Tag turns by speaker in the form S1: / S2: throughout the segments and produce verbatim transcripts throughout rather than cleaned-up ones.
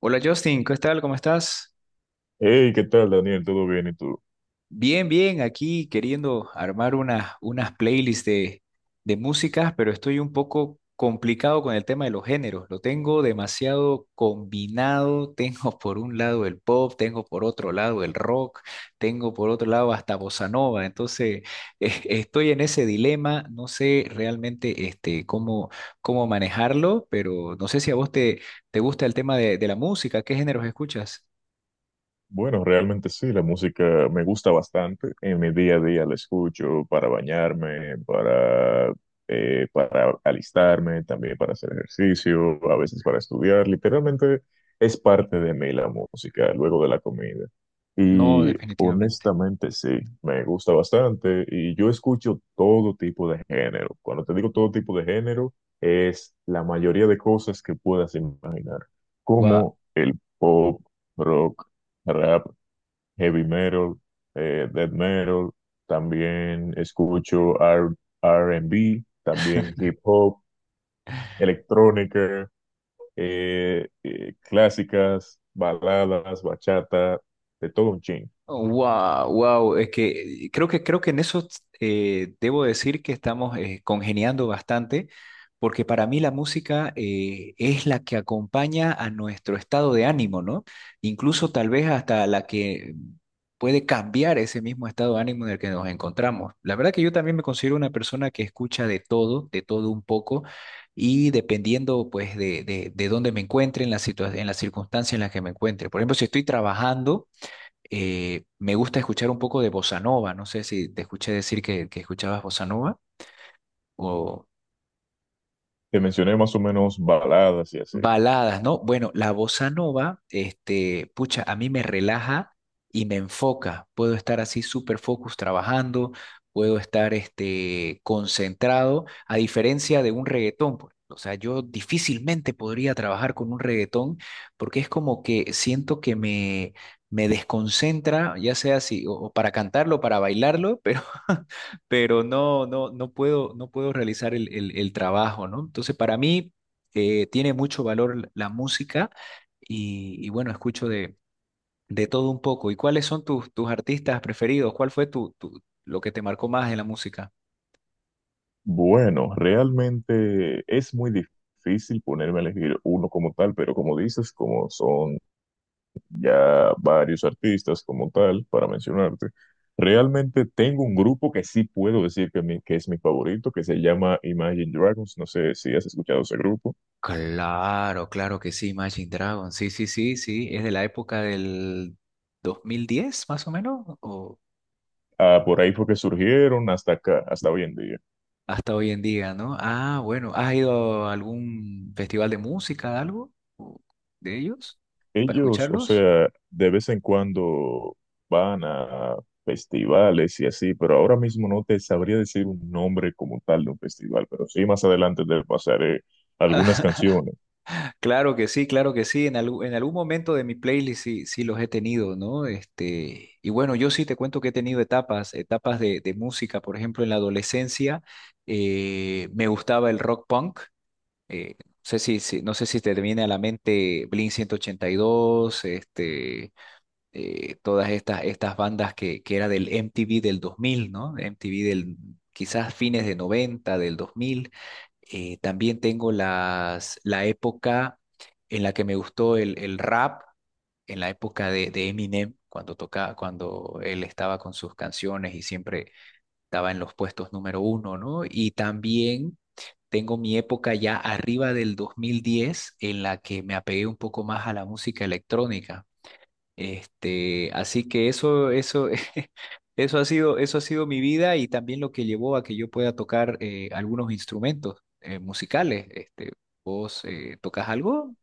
S1: Hola Justin, ¿qué tal? ¿Cómo estás?
S2: Hey, ¿qué tal, Daniel? ¿Todo bien? ¿Y tú?
S1: Bien, bien, aquí queriendo armar unas, unas playlists de, de músicas, pero estoy un poco complicado con el tema de los géneros. Lo tengo demasiado combinado. Tengo por un lado el pop, tengo por otro lado el rock, tengo por otro lado hasta bossa nova. Entonces, eh, estoy en ese dilema. No sé realmente este, cómo, cómo manejarlo, pero no sé si a vos te, te gusta el tema de, de la música. ¿Qué géneros escuchas?
S2: Bueno, realmente sí, la música me gusta bastante. En mi día a día la escucho para bañarme, para, eh, para alistarme, también para hacer ejercicio, a veces para estudiar. Literalmente es parte de mí la música, luego de la comida.
S1: No,
S2: Y
S1: definitivamente.
S2: honestamente sí, me gusta bastante y yo escucho todo tipo de género. Cuando te digo todo tipo de género, es la mayoría de cosas que puedas imaginar,
S1: Wow,
S2: como el pop, rock, rap, heavy metal, eh, death metal, también escucho R- R&B, también hip hop, electrónica, eh, eh, clásicas, baladas, bachata, de todo un chin.
S1: wow, wow. Es que creo que creo que en eso eh, debo decir que estamos eh, congeniando bastante, porque para mí la música eh, es la que acompaña a nuestro estado de ánimo, ¿no? Incluso tal vez hasta la que puede cambiar ese mismo estado de ánimo en el que nos encontramos. La verdad que yo también me considero una persona que escucha de todo, de todo un poco, y dependiendo pues de, de, de dónde me encuentre, en la situa- en la circunstancia en la que me encuentre. Por ejemplo, si estoy trabajando eh, me gusta escuchar un poco de bossa nova. No sé si te escuché decir que, que escuchabas bossa nova o,
S2: Te mencioné más o menos baladas y así.
S1: Baladas, ¿no? Bueno, la bossa nova, este, pucha, a mí me relaja y me enfoca. Puedo estar así súper focus trabajando, puedo estar este, concentrado, a diferencia de un reggaetón, pues. O sea, yo difícilmente podría trabajar con un reggaetón porque es como que siento que me, me desconcentra, ya sea si, o, o para cantarlo, para bailarlo, pero, pero no, no, no puedo, no puedo realizar el, el el trabajo, ¿no? Entonces, para mí eh, tiene mucho valor la música y, y bueno, escucho de, de todo un poco. ¿Y cuáles son tus, tus artistas preferidos? ¿Cuál fue tu, tu- lo que te marcó más de la música?
S2: Bueno, realmente es muy difícil ponerme a elegir uno como tal, pero como dices, como son ya varios artistas como tal, para mencionarte. Realmente tengo un grupo que sí puedo decir que, mi- que es mi favorito, que se llama Imagine Dragons. No sé si has escuchado ese grupo.
S1: Claro, claro que sí, Imagine Dragon. Sí, sí, sí, sí. Es de la época del dos mil diez, más o menos, o
S2: Ah, por ahí fue que surgieron hasta acá, hasta hoy en día.
S1: hasta hoy en día, ¿no? Ah, bueno. ¿Has ido a algún festival de música, algo o de ellos, para
S2: Ellos, o
S1: escucharlos?
S2: sea, de vez en cuando van a festivales y así, pero ahora mismo no te sabría decir un nombre como tal de un festival, pero sí más adelante te pasaré algunas canciones.
S1: Claro que sí, claro que sí. En algún, en algún momento de mi playlist sí, sí los he tenido, ¿no? Este, y bueno, yo sí te cuento que he tenido etapas, etapas de, de música. Por ejemplo, en la adolescencia eh, me gustaba el rock punk. Eh, no sé si, si- no sé si te viene a la mente Blink ciento ochenta y dos, este, eh, todas estas, estas bandas que, que era del M T V del dos mil, ¿no? M T V del quizás fines de noventa, del dos mil. Eh, también tengo las, la época en la que me gustó el, el rap, en la época de, de Eminem, cuando tocaba, cuando él estaba con sus canciones y siempre estaba en los puestos número uno, ¿no? Y también tengo mi época ya arriba del dos mil diez en la que me apegué un poco más a la música electrónica. Este, así que eso, eso, eso ha sido, eso ha sido mi vida y también lo que llevó a que yo pueda tocar eh, algunos instrumentos eh, musicales. Este, ¿vos eh, tocas algo?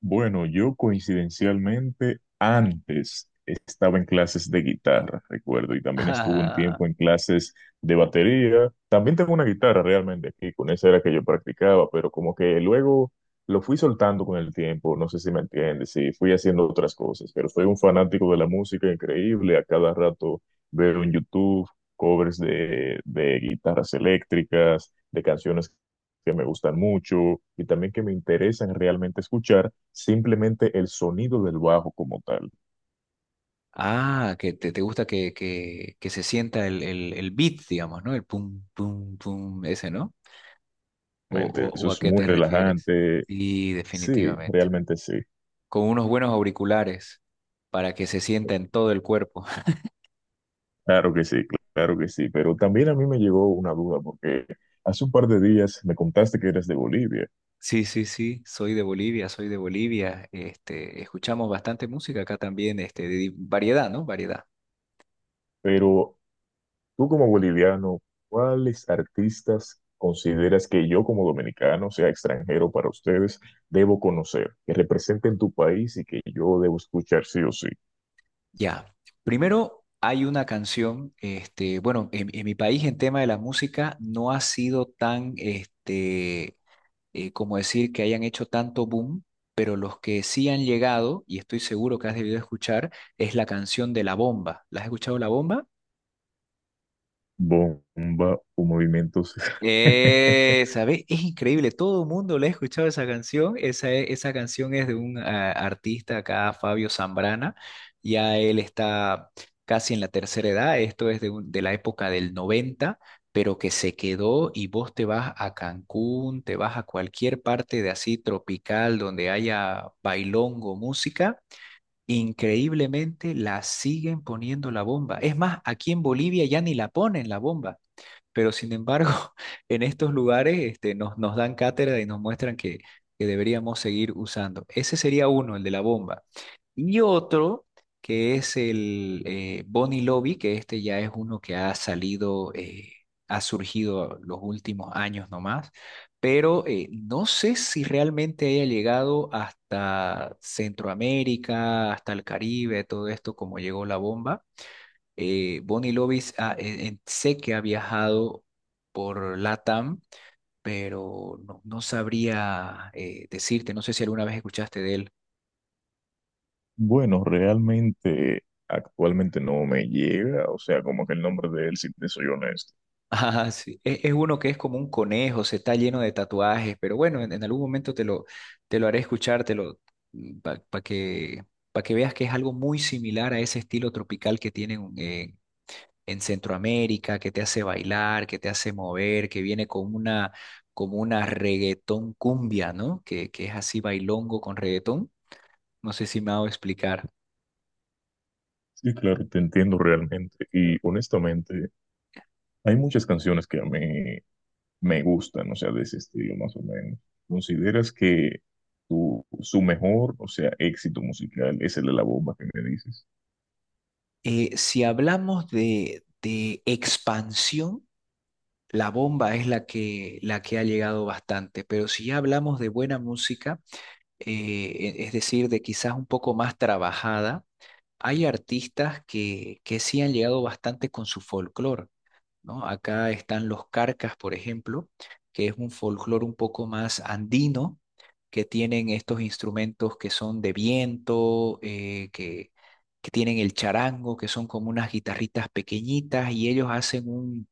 S2: Bueno, yo coincidencialmente antes estaba en clases de guitarra, recuerdo, y también estuve un tiempo en clases de batería. También tengo una guitarra realmente aquí, con esa era que yo practicaba, pero como que luego lo fui soltando con el tiempo, no sé si me entiendes, y fui haciendo otras cosas, pero soy un fanático de la música increíble, a cada rato veo en YouTube covers de, de guitarras eléctricas, de canciones que me gustan mucho y también que me interesan realmente escuchar, simplemente el sonido del bajo como tal.
S1: Ah, ah, que te, te gusta que, que, que se sienta el, el, el beat, digamos, ¿no? El pum, pum, pum, ese, ¿no? ¿O, o,
S2: Realmente, eso
S1: o a
S2: es
S1: qué
S2: muy
S1: te refieres?
S2: relajante.
S1: Sí,
S2: Sí,
S1: definitivamente.
S2: realmente sí.
S1: Con unos buenos auriculares para que se sienta en todo el cuerpo.
S2: Claro que sí, claro que sí. Pero también a mí me llegó una duda porque hace un par de días me contaste que eres de Bolivia,
S1: Sí, sí, sí, soy de Bolivia, soy de Bolivia. Este, escuchamos bastante música acá también, este, de di- variedad, ¿no? Variedad.
S2: pero tú como boliviano, ¿cuáles artistas consideras que yo como dominicano, sea extranjero para ustedes, debo conocer, que representen tu país y que yo debo escuchar sí o sí?
S1: Ya. Primero hay una canción, este, bueno, en, en mi país en tema de la música no ha sido tan, este, eh, como decir que hayan hecho tanto boom, pero los que sí han llegado, y estoy seguro que has debido escuchar, es la canción de La Bomba. ¿La has escuchado La Bomba?
S2: Bomba o movimientos.
S1: Eh, ¿sabes? Es increíble, todo el mundo le ha escuchado esa canción. Esa, e- esa canción es de un ah, artista acá, Fabio Zambrana. Ya él está casi en la tercera edad, esto es de, un- de la época del noventa, pero que se quedó y vos te vas a Cancún, te vas a cualquier parte de así tropical donde haya bailongo, música. Increíblemente la siguen poniendo la bomba. Es más, aquí en Bolivia ya ni la ponen la bomba. Pero sin embargo, en estos lugares este, nos, nos dan cátedra y nos muestran que, que deberíamos seguir usando. Ese sería uno, el de la bomba. Y otro, que es el eh, Bonnie Lobby, que este ya es uno que ha salido, eh, ha surgido los últimos años nomás, pero eh, no sé si realmente haya llegado hasta Centroamérica, hasta el Caribe, todo esto como llegó la bomba. Eh, Bonnie Lovis ah, eh, eh, sé que ha viajado por LATAM, pero no, no sabría eh, decirte, no sé si alguna vez escuchaste de él.
S2: Bueno, realmente actualmente no me llega, o sea, como que el nombre de él, si te soy honesto.
S1: Ah, sí. Es, es uno que es como un conejo, se está lleno de tatuajes, pero bueno, en, en algún momento te lo, te lo haré escuchar, te lo, para que, pa que veas que es algo muy similar a ese estilo tropical que tienen eh, en Centroamérica, que te hace bailar, que te hace mover, que viene con una, como una reggaetón cumbia, ¿no? Que, que es así bailongo con reggaetón. No sé si me hago explicar.
S2: Sí, claro, te entiendo realmente. Y honestamente, hay muchas canciones que a mí me gustan, o sea, de ese estilo más o menos. ¿Consideras que tu, su mejor, o sea, éxito musical es el de la bomba que me dices?
S1: Eh, si hablamos de, de expansión, la bomba es la que, la que ha llegado bastante, pero si ya hablamos de buena música, eh, e- es decir, de quizás un poco más trabajada, hay artistas que, que sí han llegado bastante con su folclore, ¿no? Acá están los carcas, por ejemplo, que es un folclore un poco más andino, que tienen estos instrumentos que son de viento, eh, que, que tienen el charango, que son como unas guitarritas pequeñitas, y ellos hacen un,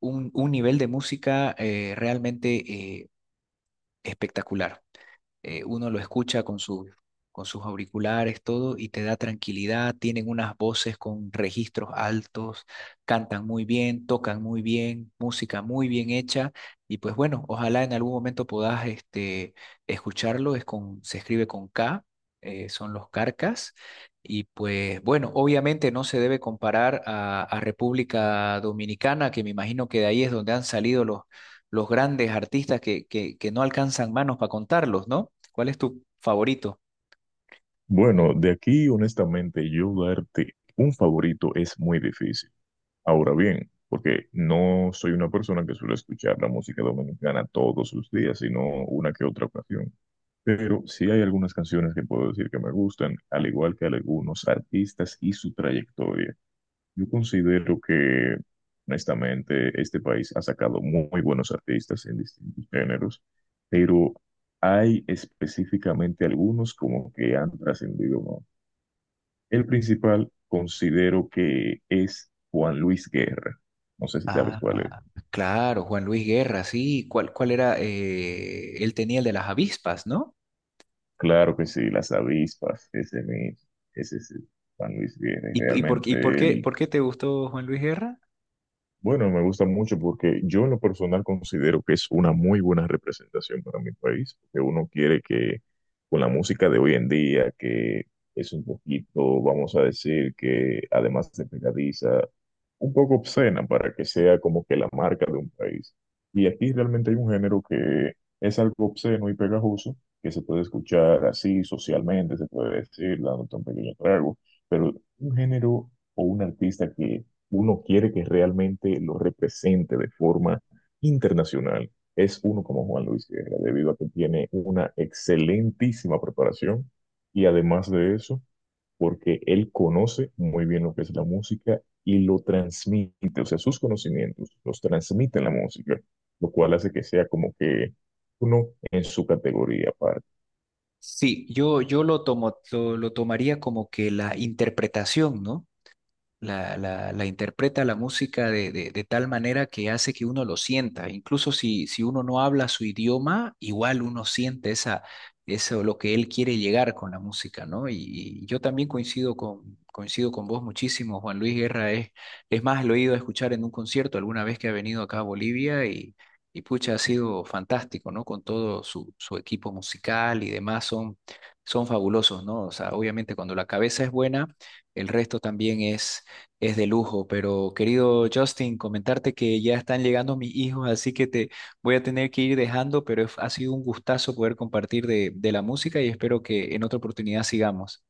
S1: un- un nivel de música eh, realmente eh, espectacular eh, uno lo escucha con sus, con sus, auriculares, todo, y te da tranquilidad, tienen unas voces con registros altos, cantan muy bien, tocan muy bien, música muy bien hecha, y pues bueno, ojalá en algún momento puedas este, escucharlo, es con, se escribe con K, eh, son los Carcas. Y pues bueno, obviamente no se debe comparar a, a República Dominicana, que me imagino que de ahí es donde han salido los, los grandes artistas que, que, que no alcanzan manos para contarlos, ¿no? ¿Cuál es tu favorito?
S2: Bueno, de aquí, honestamente, yo darte un favorito es muy difícil. Ahora bien, porque no soy una persona que suele escuchar la música dominicana todos los días, sino una que otra ocasión. Pero sí hay algunas canciones que puedo decir que me gustan, al igual que algunos artistas y su trayectoria. Yo considero que, honestamente, este país ha sacado muy buenos artistas en distintos géneros, pero hay específicamente algunos como que han trascendido más. El principal considero que es Juan Luis Guerra. No sé si sabes cuál es.
S1: Ah, claro, Juan Luis Guerra, sí. ¿Cuál, cuál era? eh, él tenía el de las avispas, ¿no?
S2: Claro que sí, las avispas, ese mismo, ese es Juan Luis Guerra.
S1: ¿Y, y por,
S2: Realmente
S1: y por qué,
S2: él
S1: por qué te gustó Juan Luis Guerra?
S2: bueno, me gusta mucho porque yo en lo personal considero que es una muy buena representación para mi país, que uno quiere que con la música de hoy en día, que es un poquito, vamos a decir, que además de pegadiza, un poco obscena para que sea como que la marca de un país. Y aquí realmente hay un género que es algo obsceno y pegajoso, que se puede escuchar así socialmente, se puede decir, dando un pequeño trago, pero un género o un artista que uno quiere que realmente lo represente de forma internacional es uno como Juan Luis Guerra, debido a que tiene una excelentísima preparación y además de eso, porque él conoce muy bien lo que es la música y lo transmite, o sea, sus conocimientos los transmite en la música, lo cual hace que sea como que uno en su categoría aparte.
S1: Sí, yo, yo lo tomo, lo, lo tomaría como que la interpretación, ¿no? la, la- la interpreta la música de, de- de tal manera que hace que uno lo sienta. Incluso si, si uno no habla su idioma, igual uno siente esa, eso, lo que él quiere llegar con la música, ¿no? Y, y yo también coincido con, coincido con vos muchísimo. Juan Luis Guerra es, es más, lo he ido a escuchar en un concierto alguna vez que ha venido acá a Bolivia y, y pucha, ha sido fantástico, ¿no? Con todo su, su equipo musical y demás, son, son fabulosos, ¿no? O sea, obviamente cuando la cabeza es buena, el resto también es de lujo, pero querido Justin, comentarte que ya están llegando mis hijos, así que te voy a tener que ir dejando, pero es- ha sido un gustazo poder compartir de, de la música y espero que en otra oportunidad sigamos.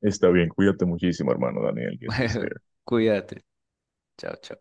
S2: Está bien, cuídate muchísimo, hermano Daniel, que así sea.
S1: Cuídate. Chao, chao.